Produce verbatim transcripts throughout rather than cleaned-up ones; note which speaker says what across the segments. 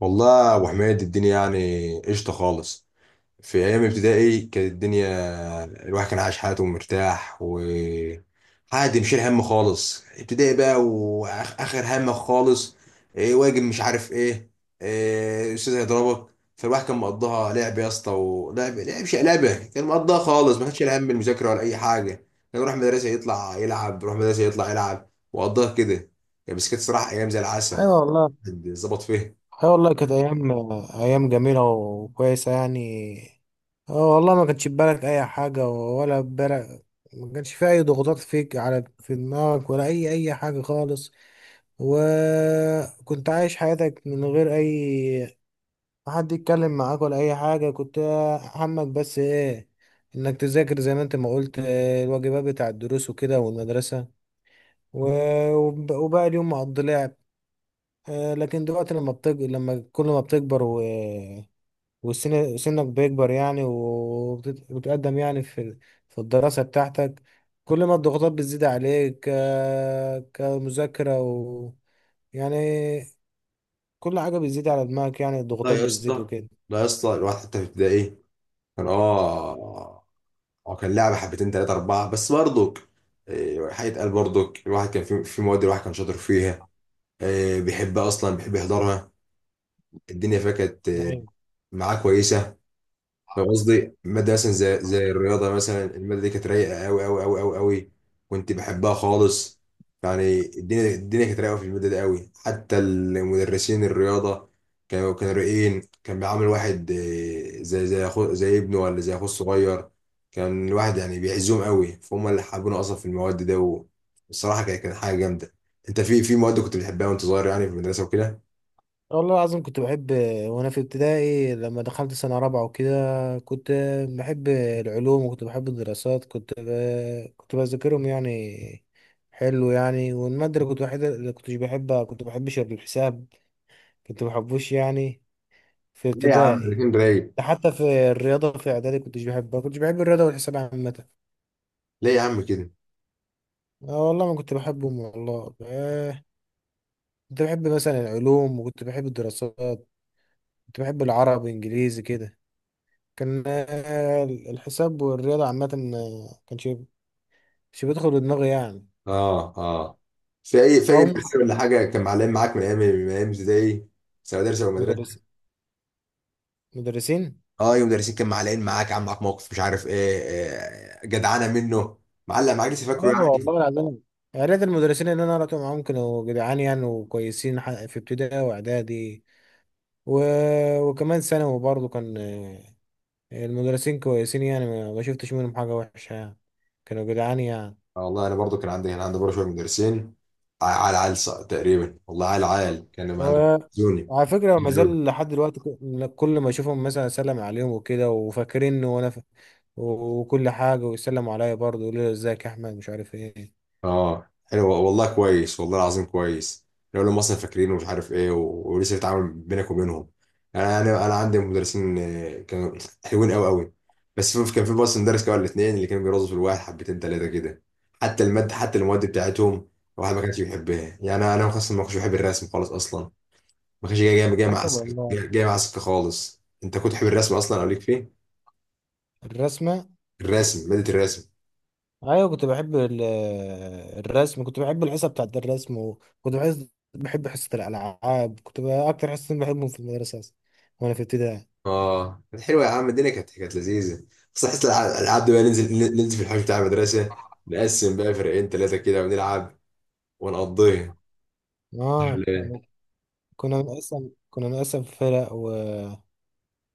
Speaker 1: والله يا ابو حميد، الدنيا يعني قشطه خالص. في ايام ابتدائي كانت الدنيا، الواحد كان عايش حياته مرتاح و عادي، مشيل هم خالص. ابتدائي بقى واخر هم خالص. إيه واجب، مش عارف ايه. إيه الاستاذ هيضربك. فالواحد كان مقضاها لعب يا اسطى، ولعب لعب شيء لعبه، كان مقضاها خالص، ما كانش شايل هم المذاكره ولا اي حاجه. كان يروح مدرسه يطلع يلعب، يروح مدرسه يطلع يلعب، وقضاها كده. يعني بس كانت صراحه ايام زي العسل.
Speaker 2: ايوه والله.
Speaker 1: الواحد ظبط فيها.
Speaker 2: ايوه والله كانت ايام، ايام جميله وكويسه يعني. اه والله ما كانش في بالك اي حاجه ولا في بالك، ما كانش في اي ضغوطات فيك على في دماغك ولا اي اي حاجه خالص، وكنت عايش حياتك من غير اي، ما حد يتكلم معاك ولا اي حاجه، كنت همك بس ايه؟ انك تذاكر زي ما انت ما قلت، آه، الواجبات بتاع الدروس وكده والمدرسه، و- وب- وباقي اليوم مقضي لعب. آه، لكن دلوقتي لما بتج... لما كل ما بتكبر و... وسن سنك بيكبر يعني وبتت- وبتقدم يعني في في الدراسة بتاعتك، كل ما الضغوطات بتزيد عليك، ك... كمذاكرة و... يعني، كل حاجة بتزيد على دماغك، يعني
Speaker 1: لا
Speaker 2: الضغوطات
Speaker 1: يا
Speaker 2: بتزيد
Speaker 1: اسطى،
Speaker 2: وكده.
Speaker 1: لا يا اسطى، الواحد حتى في ابتدائي كان اه اه كان لعبه حبتين ثلاثه اربعه بس برضك. إيه، حاجه قال برضك الواحد كان في في مواد الواحد كان شاطر فيها. إيه، بيحبها اصلا، بيحب يحضرها. الدنيا فيها كانت آه، معاه كويسه. فاهم قصدي؟ مادة مثلا زي زي الرياضة مثلا، المادة دي كانت رايقة أوي أوي أوي أوي أوي، كنت بحبها خالص. يعني الدنيا الدنيا كانت رايقة في المادة دي أوي. حتى المدرسين الرياضة كانوا كانوا رايقين، كان بيعامل واحد، آه، زي زي أخو، زي ابنه، ولا زي أخوه الصغير. كان الواحد يعني بيعزهم أوي، فهم اللي حابين أصلا في المواد ده. والصراحة كانت كانت حاجة جامدة. أنت في في مواد كنت بتحبها وأنت صغير يعني في المدرسة وكده؟
Speaker 2: والله العظيم كنت بحب، وانا في ابتدائي لما دخلت سنة رابعة وكده كنت بحب العلوم وكنت بحب الدراسات، كنت ب... كنت بذاكرهم يعني، حلو يعني. والمادة اللي كنت بحب، اللي كنتش بحبها، كنت بحبش الحساب، كنت بحبوش يعني، في
Speaker 1: ليه يا عم؟
Speaker 2: ابتدائي.
Speaker 1: الاتنين رايق؟
Speaker 2: ده حتى في الرياضة في اعدادي كنتش بحبها، كنتش بحب الرياضة والحساب عامة.
Speaker 1: ليه يا عم كده؟
Speaker 2: اه والله ما كنت بحبهم والله، آه، كنت بحب مثلا العلوم وكنت بحب الدراسات، كنت بحب العربي انجليزي كده. كان آه، الحساب والرياضة عامة، آه، كان شيء شيء بيدخل دماغي يعني.
Speaker 1: اه اه. في اي في اي
Speaker 2: أو
Speaker 1: مدرسين ولا حاجه كان معلقين معاك من ايام من ايام ابتدائي، سواء مدرسه او مدرسه؟
Speaker 2: مدرسين، مدرسين.
Speaker 1: اه، اي مدرسين كان معلقين معاك، عم معاك موقف مش عارف ايه، آه، جدعانه منه، معلق معاك لسه فاكره
Speaker 2: أيوة
Speaker 1: يعني؟
Speaker 2: والله العظيم، يا ريت المدرسين اللي أنا قرأت معاهم كانوا جدعان يعني وكويسين، ح- في ابتدائي وإعدادي و... وكمان ثانوي برضه كان، آه، المدرسين كويسين يعني، ما ما شفتش منهم حاجة وحشة يعني، كانوا جدعان يعني.
Speaker 1: آه، والله انا برضو كان عندي كان عندي برضه شويه مدرسين ع- عال عال، ص- تقريبا والله، عال عال كانوا يعني
Speaker 2: و...
Speaker 1: بيزوني.
Speaker 2: وعلى فكرة ما زال لحد دلوقتي، ك- كل ما أشوفهم مثلا أسلم عليهم وكده، وفاكريني وأنا وكل حاجة، ويسلموا عليا برضه يقولوا لي ازيك يا أحمد مش عارف ايه.
Speaker 1: اه، حلو والله، كويس والله العظيم، كويس. لو لهم مثلا فاكرين ومش عارف ايه و... ولسه في تعامل بينك وبينهم. يعني انا انا انا عندي مدرسين، آه، كانوا حلوين قوي قوي. بس في كان في بس مدرس كده ولا اتنين اللي كانوا بيرازوا في الواحد حبتين تلاته كده. حتى الماده حتى المواد بتاعتهم الواحد ما كانش بيحبها. يعني انا انا خاصه ما كنتش بحب الرسم خالص اصلا، ما كانش جاي جاي جاي
Speaker 2: حسب
Speaker 1: مع سكه،
Speaker 2: والله
Speaker 1: جاي جاي مع سكه خالص. انت كنت تحب الرسم اصلا او ليك فيه؟
Speaker 2: الرسمة.
Speaker 1: الرسم ماده الرسم.
Speaker 2: أيوة كنت بحب ال- الرسم، كنت بحب الحصة بتاعت الرسم، وكنت بحس بحب حصة الألعاب، كنت بقى أكتر حصتين بحبهم في المدرسة أصلا وأنا في ابتدائي.
Speaker 1: اه، كانت حلوه يا عم، الدنيا كانت كانت لذيذه. بس حس الع- الالعاب دي بقى، ننزل ننزل في الحوش بتاع المدرسه، نقسم بقى فرقين ثلاثه كده ونلعب ونقضيها. صح
Speaker 2: آه
Speaker 1: ولا إيه؟
Speaker 2: كنا، كنا بنقسم كنا بنقسم فرق و...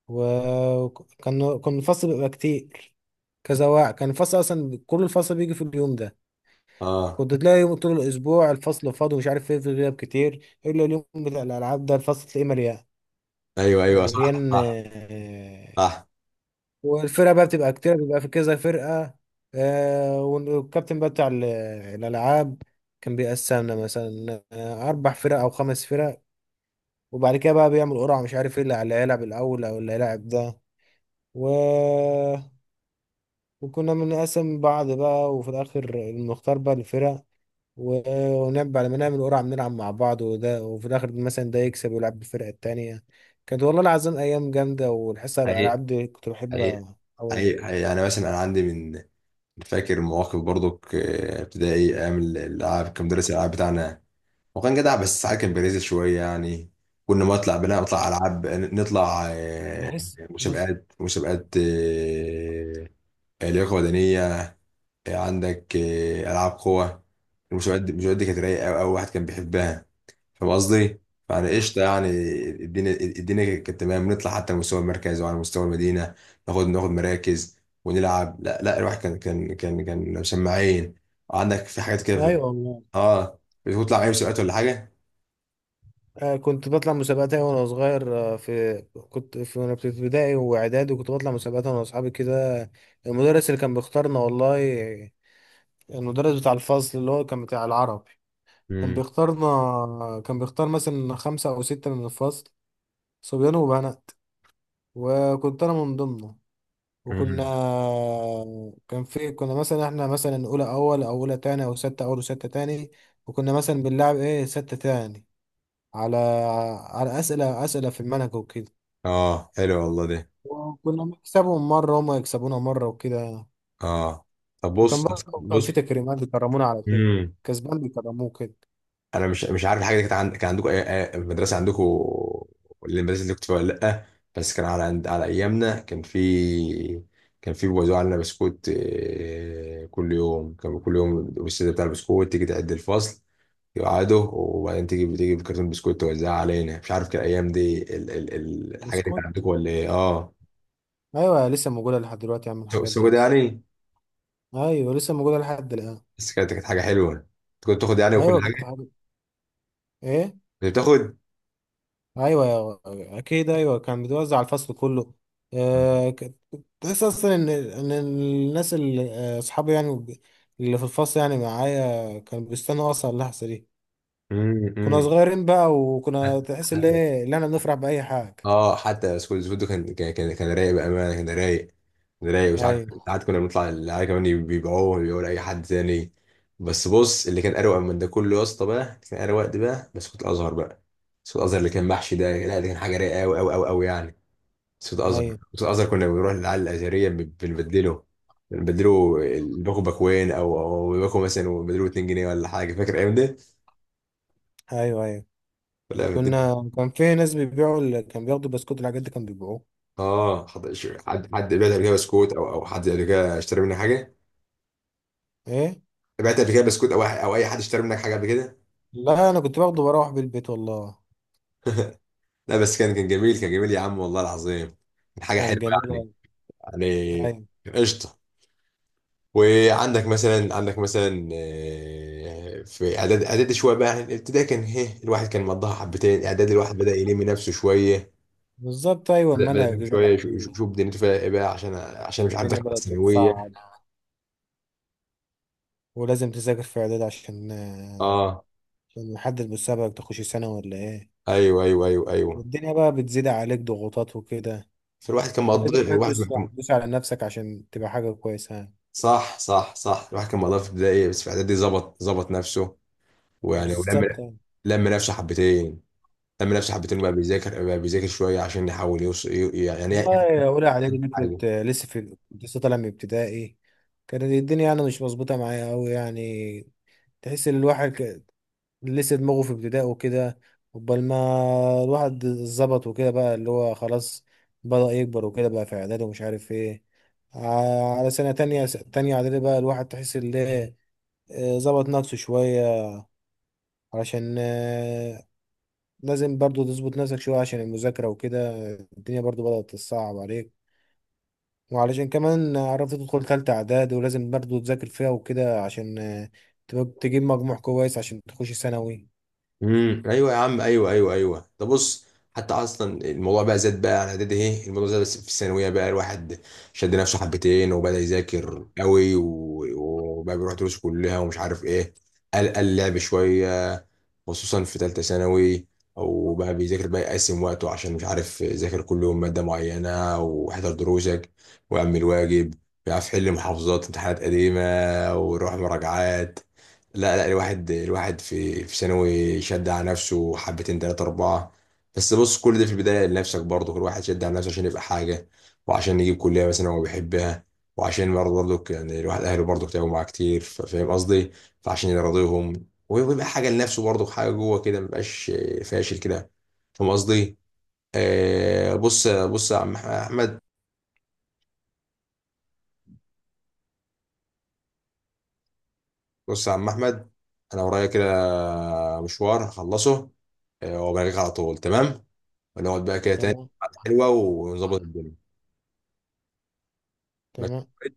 Speaker 2: و... كان، كان الفصل بيبقى كتير، كذا واحد، كان الفصل أصلا كل الفصل بيجي في اليوم ده.
Speaker 1: اه،
Speaker 2: كنت تلاقي طول الاسبوع الفصل فاضي ومش عارف ايه، في غياب كتير، الا اليوم بتاع الالعاب ده الفصل تلاقيه مليان،
Speaker 1: ايوه ايوه، صح
Speaker 2: مليان
Speaker 1: صح
Speaker 2: آه،
Speaker 1: صح.
Speaker 2: والفرقه بقى بتبقى كتير، بيبقى في كذا فرقه. آه، والكابتن بقى بتاع ال- الالعاب كان بيقسمنا مثلا آه، اربع فرق او خمس فرق، وبعد كده بقى بيعمل قرعه مش عارف ايه اللي اللي هيلعب الاول او اللي هيلعب ده، و... وكنا بنقسم بعض بقى، وفي الاخر المختار بقى الفرق، و- ونلعب على ما نعمل قرعة، بنلعب مع بعض وده، وفي الآخر مثلا ده يكسب ويلعب بالفرقة التانية. كانت والله العظيم أيام جامدة، والحصة على
Speaker 1: حقيقي
Speaker 2: الألعاب دي كنت
Speaker 1: حقيقي،
Speaker 2: بحبها أوي.
Speaker 1: حقيقي حقيقي. يعني مثلا انا عندي، من فاكر مواقف برضو، ك- ابتدائي ايام الالعاب كان مدرس الالعاب بتاعنا، هو كان جدع بس ساعات كان بيريز شويه يعني. كنا ما نطلع بنا نطلع العاب، نطلع آه،
Speaker 2: بحس بص.
Speaker 1: مسابقات مسابقات، آه، لياقه بدنيه، عندك آه، العاب قوه. المسابقات دي المسابقات دي كانت رايقه قوي قوي، واحد كان بيحبها. فاهم قصدي؟ فانا قشطه يعني. الدنيا الدنيا كانت تمام، نطلع حتى على مستوى المركز وعلى مستوى المدينه، ناخد ناخد مراكز ونلعب. لا لا، الواحد كان كان كان كان مسمعين عندك في حاجات كده، في-
Speaker 2: أيوة والله،
Speaker 1: اه. بتطلع اي مسابقات ولا حاجه؟
Speaker 2: آه، كنت بطلع مسابقات أيوة وأنا صغير، آه، في كنت في وأنا في ابتدائي وإعدادي وكنت بطلع مسابقات أنا وأصحابي كده. المدرس اللي كان بيختارنا والله، المدرس بتاع الفصل اللي هو كان بتاع العربي كان
Speaker 1: امم.
Speaker 2: بيختارنا، كان بيختار مثلا خمسة أو ستة من الفصل، صبيان وبنات، وكنت انا من ضمنه. وكنا، كان في كنا مثلا احنا مثلا اولى اول او اولى تاني او ستة اول وستة تاني، وكنا مثلا بنلعب ايه ستة تاني، على، على اسئلة اسئلة في المنهج وكده،
Speaker 1: اه، حلو والله ده،
Speaker 2: وكنا بنكسبهم مرة وهم يكسبونا مرة وكده،
Speaker 1: اه. طب
Speaker 2: وكان
Speaker 1: بص
Speaker 2: برضه كان في
Speaker 1: بص.
Speaker 2: تكريمات بيكرمونا على كده،
Speaker 1: مم.
Speaker 2: كسبان بيكرموه كده.
Speaker 1: انا مش مش عارف الحاجه دي كانت عند... كان عندكم أي... أي- المدرسه عندكم، المدرسه اللي كنت فيها، ولا لا؟ بس كان على عند... على ايامنا كان في، كان في بيوزعوا علينا بسكوت، آه، كل يوم، كان كل يوم الاستاذ بتاع البسكوت تيجي تعد الفصل، يقعدوا وبعدين تيجي تيجي بكرتون بسكوت توزعها علينا. مش عارف كان الايام دي، ال... ال... ال... الحاجه دي كانت
Speaker 2: بسكوت،
Speaker 1: عندكم ولا ايه؟ اه.
Speaker 2: ايوه لسه موجودة لحد دلوقتي يا عم
Speaker 1: سو-
Speaker 2: الحاجات دي
Speaker 1: سوق ده
Speaker 2: اصلا.
Speaker 1: يعني.
Speaker 2: ايوه لسه موجودة لحد الان.
Speaker 1: بس كانت كانت حاجه حلوه، كنت تاخد يعني وكل
Speaker 2: ايوه كانت
Speaker 1: حاجه،
Speaker 2: حاجة، ايه.
Speaker 1: كنت بتاخد.
Speaker 2: ايوه اكيد، ايوه كان بيتوزع على الفصل كله، آه، ك- تحس اصلا ان ان الناس اللي، آه، اصحابي يعني اللي في الفصل يعني معايا كانوا بيستنوا اصلا اللحظه دي،
Speaker 1: مم،
Speaker 2: كنا
Speaker 1: مم.
Speaker 2: صغيرين بقى، وكنا تحس ان ايه، اللي احنا بنفرح باي حاجه.
Speaker 1: اه، حتى سكول سكول كان كان كان كان رايق بامانه، كان رايق، كان رايق. مش عارف،
Speaker 2: ايوه،
Speaker 1: ساعات كنا بنطلع العيال كمان بيبيعوه بيبيعوه لاي حد تاني. بس بص، اللي كان اروق من ده كله يا اسطى بقى، اللي كان اروق ده بقى بسكوت الازهر بقى. بسكوت الازهر اللي كان محشي ده، لا ده كان حاجه رايقه قوي قوي قوي قوي يعني. بسكوت الازهر
Speaker 2: ايوه،
Speaker 1: بسكوت الازهر كنا بنروح للعيال الازهريه، بن- بنبدله، بنبدله، الباكو باكوين، او او باكو مثلا، وبدلوه اتنين جنيه ولا حاجه. فاكر الايام دي؟
Speaker 2: ايوه، ايوه.
Speaker 1: ولا بدل-
Speaker 2: كنا، كان في ناس بيبيعوا ال- كان بياخدوا بسكوت الحاجات دي كانوا بيبيعوه.
Speaker 1: اه. حد حد حد بعت قبل كده بسكوت، او او حد قبل كده اشترى منه حاجه؟
Speaker 2: ايه.
Speaker 1: بعت قبل كده بسكوت، او أح- او اي حد اشترى منك حاجه قبل كده؟
Speaker 2: لا انا كنت باخده بروح بالبيت والله.
Speaker 1: لا، بس كان كان جميل، كان جميل يا عم والله العظيم، كان حاجه
Speaker 2: كان
Speaker 1: حلوه
Speaker 2: جميل
Speaker 1: يعني.
Speaker 2: أوي.
Speaker 1: يعني
Speaker 2: ايوه
Speaker 1: قشطه. وعندك مثلا، عندك مثلا آه، في اعداد اعدادي شويه بقى، يعني الابتدائي كان هي الواحد كان مضاها حبتين، اعدادي الواحد بدا يلم نفسه شويه،
Speaker 2: بالظبط، ايوه
Speaker 1: بدا بدا يلم
Speaker 2: المنهج زاد
Speaker 1: شويه، يشوف
Speaker 2: عليه،
Speaker 1: يشوف دنيته فيها ايه بقى، عشان عشان مش عارف،
Speaker 2: الدنيا
Speaker 1: داخل على
Speaker 2: بدأت تتصعب،
Speaker 1: الثانويه.
Speaker 2: ولازم تذاكر في اعداد عشان، آه،
Speaker 1: اه،
Speaker 2: عشان نحدد مستقبلك تخش ثانوي ولا ايه،
Speaker 1: ايوه ايوه ايوه ايوه.
Speaker 2: والدنيا بقى بتزيد عليك ضغوطات وكده،
Speaker 1: فالواحد كان
Speaker 2: فلازم
Speaker 1: مقضي
Speaker 2: بقى
Speaker 1: الواحد
Speaker 2: تدوس
Speaker 1: كان،
Speaker 2: تدوس على نفسك عشان تبقى حاجة كويسة.
Speaker 1: صح صح صح، الواحد كان مقضيها في البدايه، بس في اعدادي ظبط ظبط نفسه، ويعني،
Speaker 2: بالظبط
Speaker 1: ولم
Speaker 2: يعني.
Speaker 1: لم نفسه حبتين، لم نفسه حبتين، وبقى بيذاكر بقى بيذاكر شويه، عشان يحاول يوصل يعني، يعني
Speaker 2: والله أولى إعدادي دي
Speaker 1: حاجه.
Speaker 2: كنت لسه في، كنت لسه طالع من ابتدائي، كانت الدنيا يعني مش مظبوطة معايا أوي يعني، تحس إن الواحد لسه دماغه في ابتدائه وكده، قبل ما الواحد ظبط وكده بقى اللي هو خلاص بدأ يكبر وكده بقى في إعدادي ومش عارف إيه. ع- على سنة تانية تانية إعدادي بقى الواحد تحس إن إيه، آه، ظبط نفسه شوية، علشان، آه، لازم برضو تظبط نفسك شوية عشان المذاكرة وكده، الدنيا برضو بدأت تصعب عليك، وعلشان كمان عرفت تدخل تالتة إعدادي ولازم برضو تذاكر فيها وكده عشان، آه، تبقى- تجيب مجموع كويس عشان تخش ثانوي.
Speaker 1: امم، ايوه يا عم، ايوه ايوه ايوه ده، بص. حتى اصلا الموضوع بقى زاد بقى على اعدادي، ايه، الموضوع زاد، بس في الثانويه بقى الواحد شد نفسه حبتين، وبدا يذاكر قوي و- وبقى بيروح دروس كلها ومش عارف ايه. قال قال لعب شويه، خصوصا في تالتة ثانوي، او بقى بيذاكر بقى، يقسم وقته، عشان مش عارف، يذاكر كل يوم مادة معينة، واحضر دروسك، واعمل واجب، بيعرف يحل محافظات امتحانات قديمة، ويروح مراجعات. لا لا، الواحد الواحد في في ثانوي شد على نفسه حبتين تلاتة أربعة. بس بص، كل ده في البداية لنفسك برضه، كل واحد شد على نفسه عشان يبقى حاجة، وعشان يجيب كلية مثلا هو بيحبها، وعشان برضه، برضه يعني الواحد أهله برضه تعبوا معاه كتير. ف- فاهم قصدي؟ فعشان يرضيهم، ويبقى حاجه لنفسه برضه، حاجه جوه كده، مبقاش فاشل كده. فاهم قصدي؟ آه، بص بص يا عم احمد، بص يا عم احمد، انا ورايا كده مشوار هخلصه، آه، وبلغيك على طول، تمام؟ ونقعد بقى كده تاني
Speaker 2: تمام،
Speaker 1: قعدة حلوه، ونظبط الدنيا.
Speaker 2: تمام.
Speaker 1: ماشي.